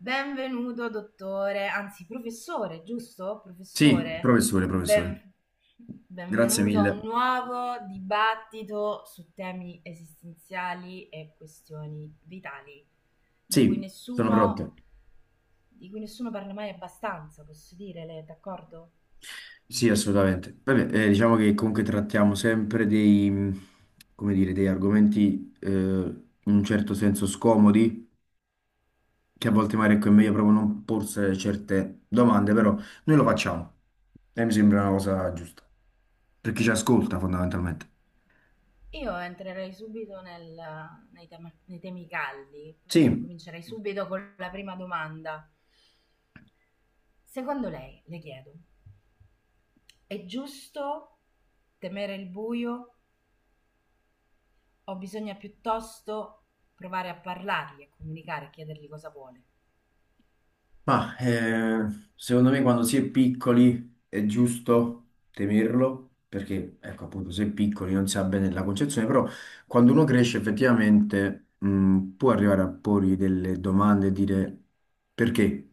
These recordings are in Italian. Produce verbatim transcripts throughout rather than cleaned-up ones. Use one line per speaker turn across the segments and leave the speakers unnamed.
Benvenuto, dottore, anzi professore, giusto?
Sì,
Professore,
professore, professore,
ben-
grazie
benvenuto a un
mille.
nuovo dibattito su temi esistenziali e questioni vitali, di cui
Sì, sono pronte.
nessuno, di cui nessuno parla mai abbastanza, posso dire, lei è d'accordo?
Sì, assolutamente. Vabbè, eh, diciamo che comunque trattiamo sempre dei, mh, come dire, dei argomenti eh, in un certo senso scomodi, che a volte magari ecco, è meglio proprio non porsi certe domande, però noi lo facciamo e mi sembra una cosa giusta, per chi ci ascolta fondamentalmente.
Io entrerei subito nel- nei tema- nei temi caldi,
Sì.
comincerei subito con la prima domanda. Secondo lei, le chiedo, è giusto temere il buio o bisogna piuttosto provare a parlargli, a comunicare, a chiedergli cosa vuole?
Ma eh, secondo me quando si è piccoli è giusto temerlo, perché ecco appunto se è piccoli non si ha bene la concezione, però quando uno cresce effettivamente mh, può arrivare a porgli delle domande e dire perché?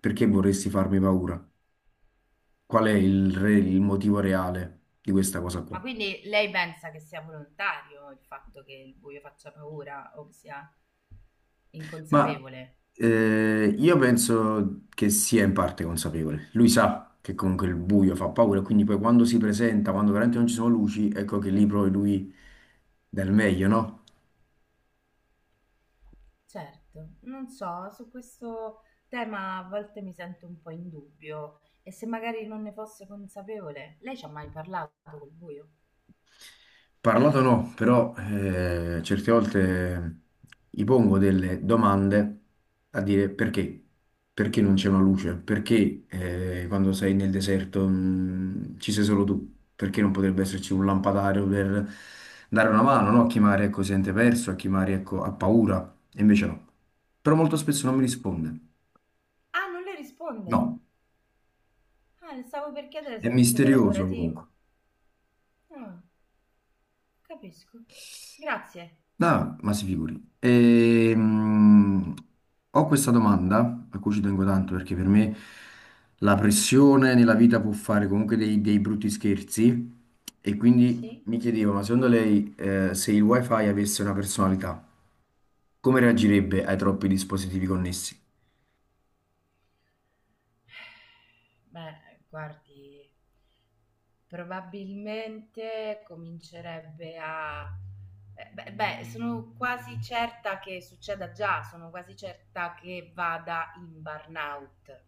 Perché vorresti farmi paura? Qual è il, re- il motivo reale di questa cosa
Ma
qua?
quindi lei pensa che sia volontario il fatto che il buio faccia paura o che sia
Ma
inconsapevole?
eh, io penso che sia in parte consapevole. Lui sa che comunque il buio fa paura, quindi poi quando si presenta, quando veramente non ci sono luci, ecco che lì poi lui dà il meglio, no?
Certo, non so, su questo tema a volte mi sento un po' in dubbio e se magari non ne fosse consapevole, lei ci ha mai parlato col buio?
Parlato no, però eh, certe volte gli pongo delle domande a dire perché, perché non c'è una luce, perché eh, quando sei nel deserto mh, ci sei solo tu, perché non potrebbe esserci un lampadario per dare una mano, no? A chi magari ecco, si sente perso, a chi magari ecco, ha paura, e invece no. Però molto spesso non mi risponde,
Ah, non le risponde.
no,
Ah, le stavo per chiedere
è
se fosse
misterioso
collaborativo.
comunque.
Ah. Capisco. Grazie.
No, ma si figuri. Ehm, ho questa domanda a cui ci tengo tanto perché per me la pressione nella vita può fare comunque dei, dei brutti scherzi e quindi
Sì?
mi chiedevo, ma secondo lei eh, se il wifi avesse una personalità, come reagirebbe ai troppi dispositivi connessi?
Beh, guardi, probabilmente comincerebbe a... Beh, beh, beh, sono quasi certa che succeda già, sono quasi certa che vada in burnout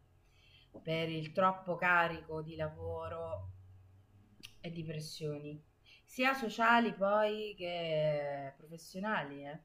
per il troppo carico di lavoro e di pressioni. Sia sociali poi che professionali, eh.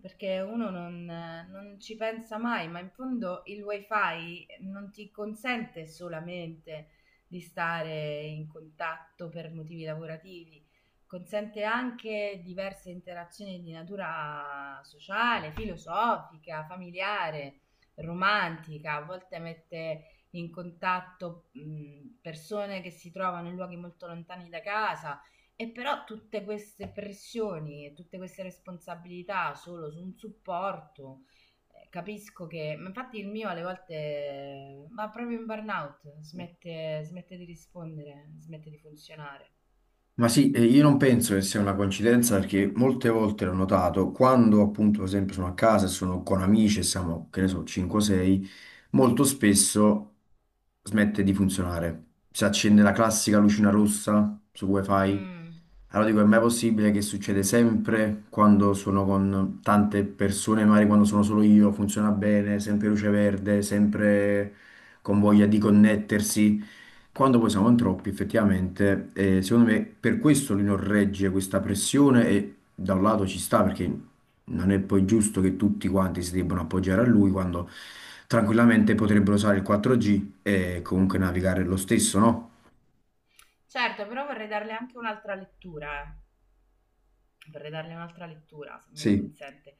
Perché uno non, non ci pensa mai, ma in fondo il wifi non ti consente solamente di stare in contatto per motivi lavorativi, consente anche diverse interazioni di natura sociale, filosofica, familiare, romantica, a volte mette in contatto mh, persone che si trovano in luoghi molto lontani da casa e però tutte queste pressioni e tutte queste responsabilità solo su un supporto, eh, capisco che, ma infatti il mio alle volte eh, va proprio in burnout, smette, smette di rispondere, smette di funzionare.
Ma sì, e io non penso che sia una coincidenza perché molte volte l'ho notato, quando appunto per esempio sono a casa e sono con amici e siamo, che ne so, cinque o sei, molto spesso smette di funzionare. Si accende la classica lucina rossa su wifi.
Mm.
Allora dico, è mai possibile che succede sempre quando sono con tante persone, magari quando sono solo io, funziona bene, sempre luce verde, sempre con voglia di connettersi. Quando poi siamo in troppi, effettivamente, eh, secondo me per questo lui non regge questa pressione e da un lato ci sta perché non è poi giusto che tutti quanti si debbano appoggiare a lui quando tranquillamente potrebbero usare il quattro G e comunque navigare lo stesso, no?
Certo, però vorrei darle anche un'altra lettura, eh. vorrei darle un'altra lettura, se me lo
Sì,
consente.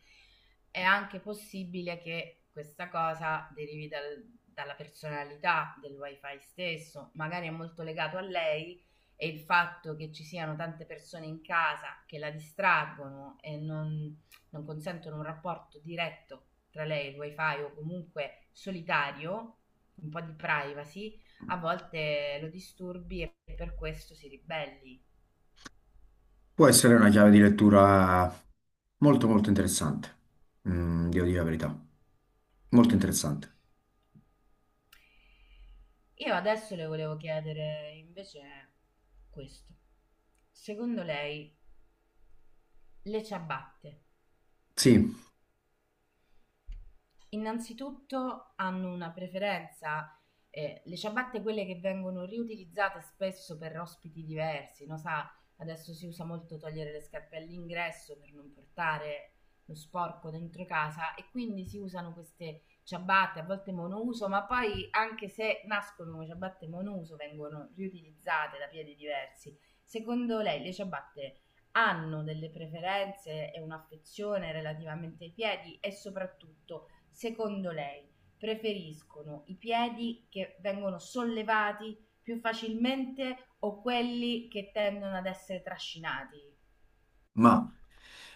È anche possibile che questa cosa derivi dal- dalla personalità del wifi stesso, magari è molto legato a lei e il fatto che ci siano tante persone in casa che la distraggono e non, non consentono un rapporto diretto tra lei e il wifi o comunque solitario, un po' di privacy, a volte lo disturbi e per questo si ribelli.
può essere una chiave di lettura molto molto interessante, mm, devo dire la verità, molto interessante.
Io adesso le volevo chiedere invece questo. Secondo lei le ciabatte
Sì.
innanzitutto hanno una preferenza, ehm, le ciabatte quelle che vengono riutilizzate spesso per ospiti diversi, no, sa, adesso si usa molto togliere le scarpe all'ingresso per non portare lo sporco dentro casa e quindi si usano queste ciabatte, a volte monouso, ma poi anche se nascono come ciabatte monouso vengono riutilizzate da piedi diversi. Secondo lei le ciabatte hanno delle preferenze e un'affezione relativamente ai piedi e soprattutto, secondo lei, preferiscono i piedi che vengono sollevati più facilmente o quelli che tendono ad essere trascinati?
Ma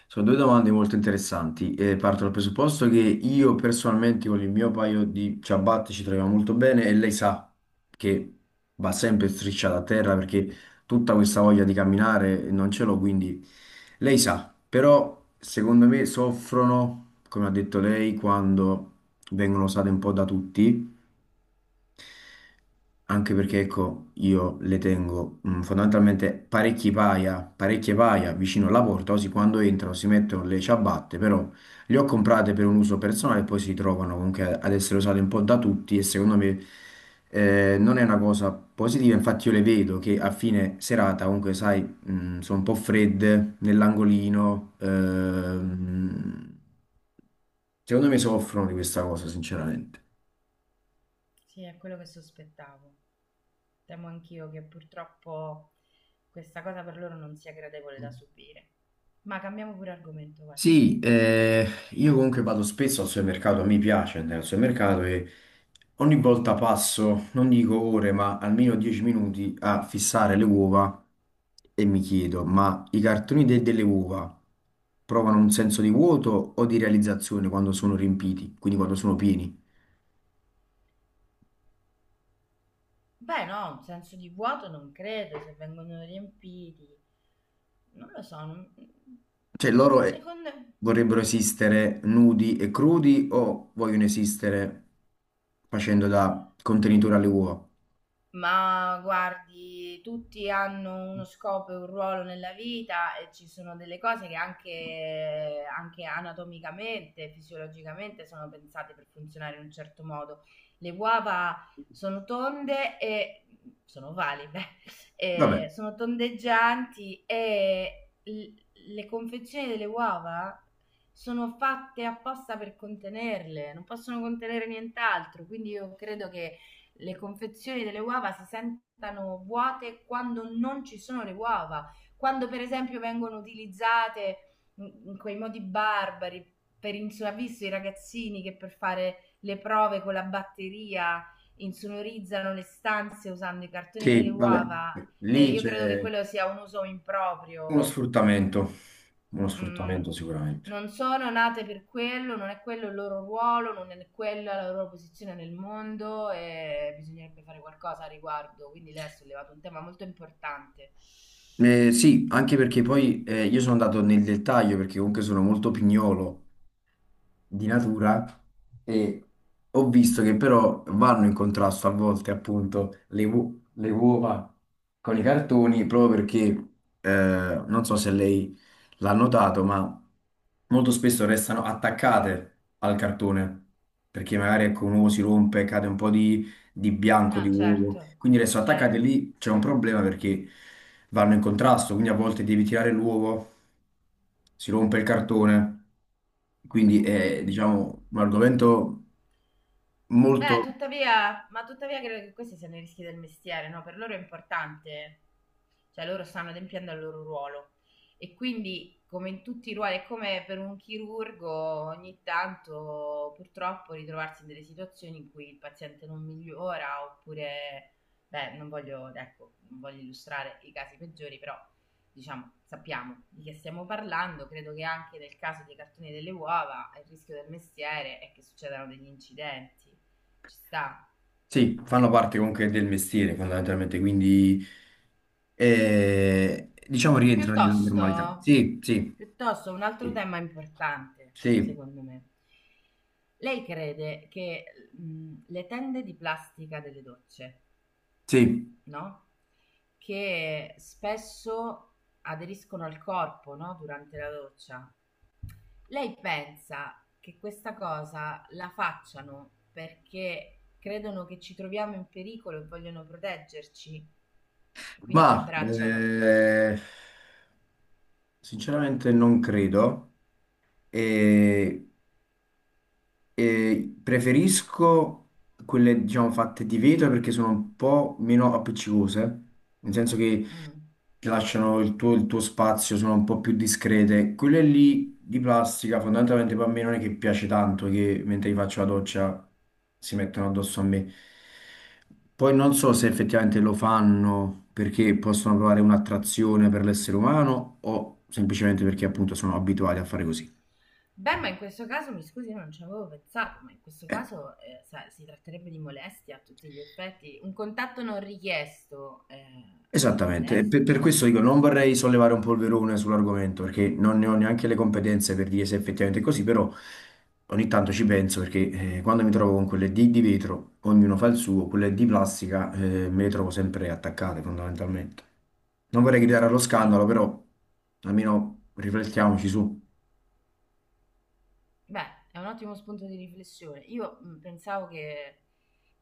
sono due domande molto interessanti e parto dal presupposto che io personalmente con il mio paio di ciabatte ci troviamo molto bene e lei sa che va sempre strisciata a terra perché tutta questa voglia di camminare non ce l'ho, quindi lei sa, però secondo me soffrono, come ha detto lei, quando vengono usate un po' da tutti anche perché, ecco, io le tengo mm, fondamentalmente parecchi paia, parecchie paia vicino alla porta, così quando entrano si mettono le ciabatte, però le ho comprate per un uso personale e poi si trovano comunque ad essere usate un po' da tutti e secondo me eh, non è una cosa positiva, infatti io le vedo che a fine serata comunque, sai, mm, sono un po' fredde nell'angolino,
Mm.
ehm, secondo me soffrono di questa cosa, sinceramente.
Sì, è quello che sospettavo. Temo anch'io che purtroppo questa cosa per loro non sia gradevole da subire. Ma cambiamo pure argomento, guardi.
Sì, eh, io comunque vado spesso al supermercato, mi piace andare al supermercato e ogni volta passo, non dico ore, ma almeno dieci minuti a fissare le uova e mi chiedo, ma i cartoni de- delle uova provano un senso di vuoto o di realizzazione quando sono riempiti, quindi quando sono pieni?
Beh, no, un senso di vuoto non credo, se vengono riempiti. Non lo so, non-
Cioè loro eh,
secondo
vorrebbero esistere nudi e crudi o vogliono esistere facendo da contenitore alle uova?
Ma guardi, tutti hanno uno scopo e un ruolo nella vita e ci sono delle cose che anche, anche anatomicamente, fisiologicamente sono pensate per funzionare in un certo modo. Le uova sono tonde e sono valide,
Vabbè.
e sono tondeggianti e l- le confezioni delle uova sono fatte apposta per contenerle, non possono contenere nient'altro, quindi io credo che le confezioni delle uova si sentano vuote quando non ci sono le uova, quando per esempio vengono utilizzate in in quei modi barbari per insu- ha visto i ragazzini che per fare le prove con la batteria insonorizzano le stanze usando i cartoni delle
Sì, vabbè,
uova. Eh,
lì
io credo che
c'è
quello sia un uso
uno
improprio.
sfruttamento, uno
Mh.
sfruttamento sicuramente.
Non sono nate per quello, non è quello il loro ruolo, non è quella la loro posizione nel mondo e bisognerebbe fare qualcosa a riguardo. Quindi lei ha sollevato un tema molto importante.
Eh, sì, anche perché poi eh, io sono andato nel dettaglio perché comunque sono molto pignolo di natura e ho visto che però vanno in contrasto a volte appunto le, uo- le uova con i cartoni proprio perché eh, non so se lei l'ha notato, ma molto spesso restano attaccate al cartone perché magari ecco, un uovo si rompe, cade un po' di, di bianco di
Ah,
uovo,
certo,
quindi restano attaccate
certo.
lì c'è un problema perché vanno in contrasto, quindi a volte devi tirare l'uovo si rompe il cartone, quindi è,
Mm.
diciamo, un argomento
Beh,
molto...
tuttavia, ma tuttavia credo che questi siano i rischi del mestiere, no? Per loro è importante, cioè loro stanno adempiendo al loro ruolo. E quindi, come in tutti i ruoli, è come per un chirurgo, ogni tanto purtroppo ritrovarsi in delle situazioni in cui il paziente non migliora oppure, beh, non voglio, ecco, non voglio illustrare i casi peggiori, però diciamo, sappiamo di che stiamo parlando, credo che anche nel caso dei cartoni delle uova il rischio del mestiere è che succedano degli incidenti, ci sta.
Sì, fanno parte comunque del mestiere fondamentalmente, quindi eh, diciamo rientra nella normalità.
Piuttosto,
Sì, sì,
piuttosto un altro
sì,
tema importante,
sì,
secondo me. Lei crede che mh, le tende di plastica delle docce,
sì.
no? Che spesso aderiscono al corpo, no? Durante la doccia. Lei pensa che questa cosa la facciano perché credono che ci troviamo in pericolo e vogliono proteggerci e quindi ci
Ma
abbracciano?
eh, sinceramente non credo. E, e preferisco quelle, diciamo, fatte di vetro perché sono un po' meno appiccicose, nel senso che
Mm.
ti lasciano il tuo, il tuo spazio, sono un po' più discrete. Quelle lì di plastica, fondamentalmente per me non è che piace tanto che mentre gli faccio la doccia si mettono addosso a me. Poi non so se effettivamente lo fanno perché possono provare un'attrazione per l'essere umano o semplicemente perché appunto sono abituati a fare così.
Beh, ma in questo caso, mi scusi, io non ci avevo pensato, ma in questo
Eh.
caso eh, sa- si tratterebbe di molestia a tutti gli effetti. Un contatto non richiesto, eh, è una
Esattamente, e per,
molestia.
per questo dico, non vorrei sollevare un polverone sull'argomento perché non ne ho neanche le competenze per dire se effettivamente è così, però ogni tanto ci penso perché eh, quando mi trovo con quelle di, di vetro, ognuno fa il suo, quelle di plastica eh, me le trovo sempre attaccate fondamentalmente. Non vorrei gridare allo
Sì.
scandalo, però almeno riflettiamoci su,
Beh, è un ottimo spunto di riflessione. Io mh, pensavo che,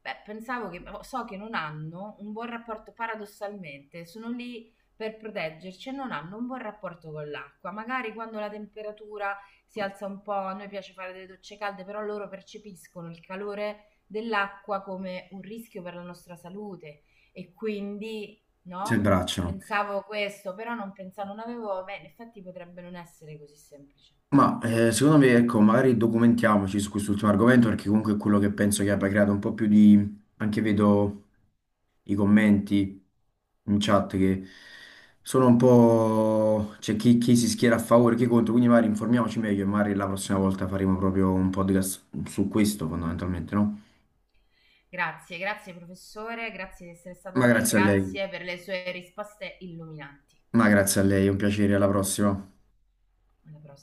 beh, pensavo che, oh, so che non hanno un buon rapporto, paradossalmente, sono lì per proteggerci e non hanno un buon rapporto con l'acqua. Magari quando la temperatura si alza un po', a noi piace fare delle docce calde, però loro percepiscono il calore dell'acqua come un rischio per la nostra salute e quindi,
si
no?
abbracciano.
Pensavo questo, però non pensavo, non avevo, beh, in effetti potrebbe non essere così semplice.
Ma eh, secondo me, ecco, magari documentiamoci su quest'ultimo argomento perché comunque è quello che penso che abbia creato un po' più di, anche vedo i commenti in chat che sono un po'... c'è chi, chi si schiera a favore, chi contro, quindi magari informiamoci meglio e magari la prossima volta faremo proprio un podcast su questo fondamentalmente, no?
Grazie, grazie professore, grazie di essere stato
Ma
con noi,
grazie a lei,
grazie per le sue risposte illuminanti.
ma grazie a lei, un piacere, alla prossima.
Alla prossima.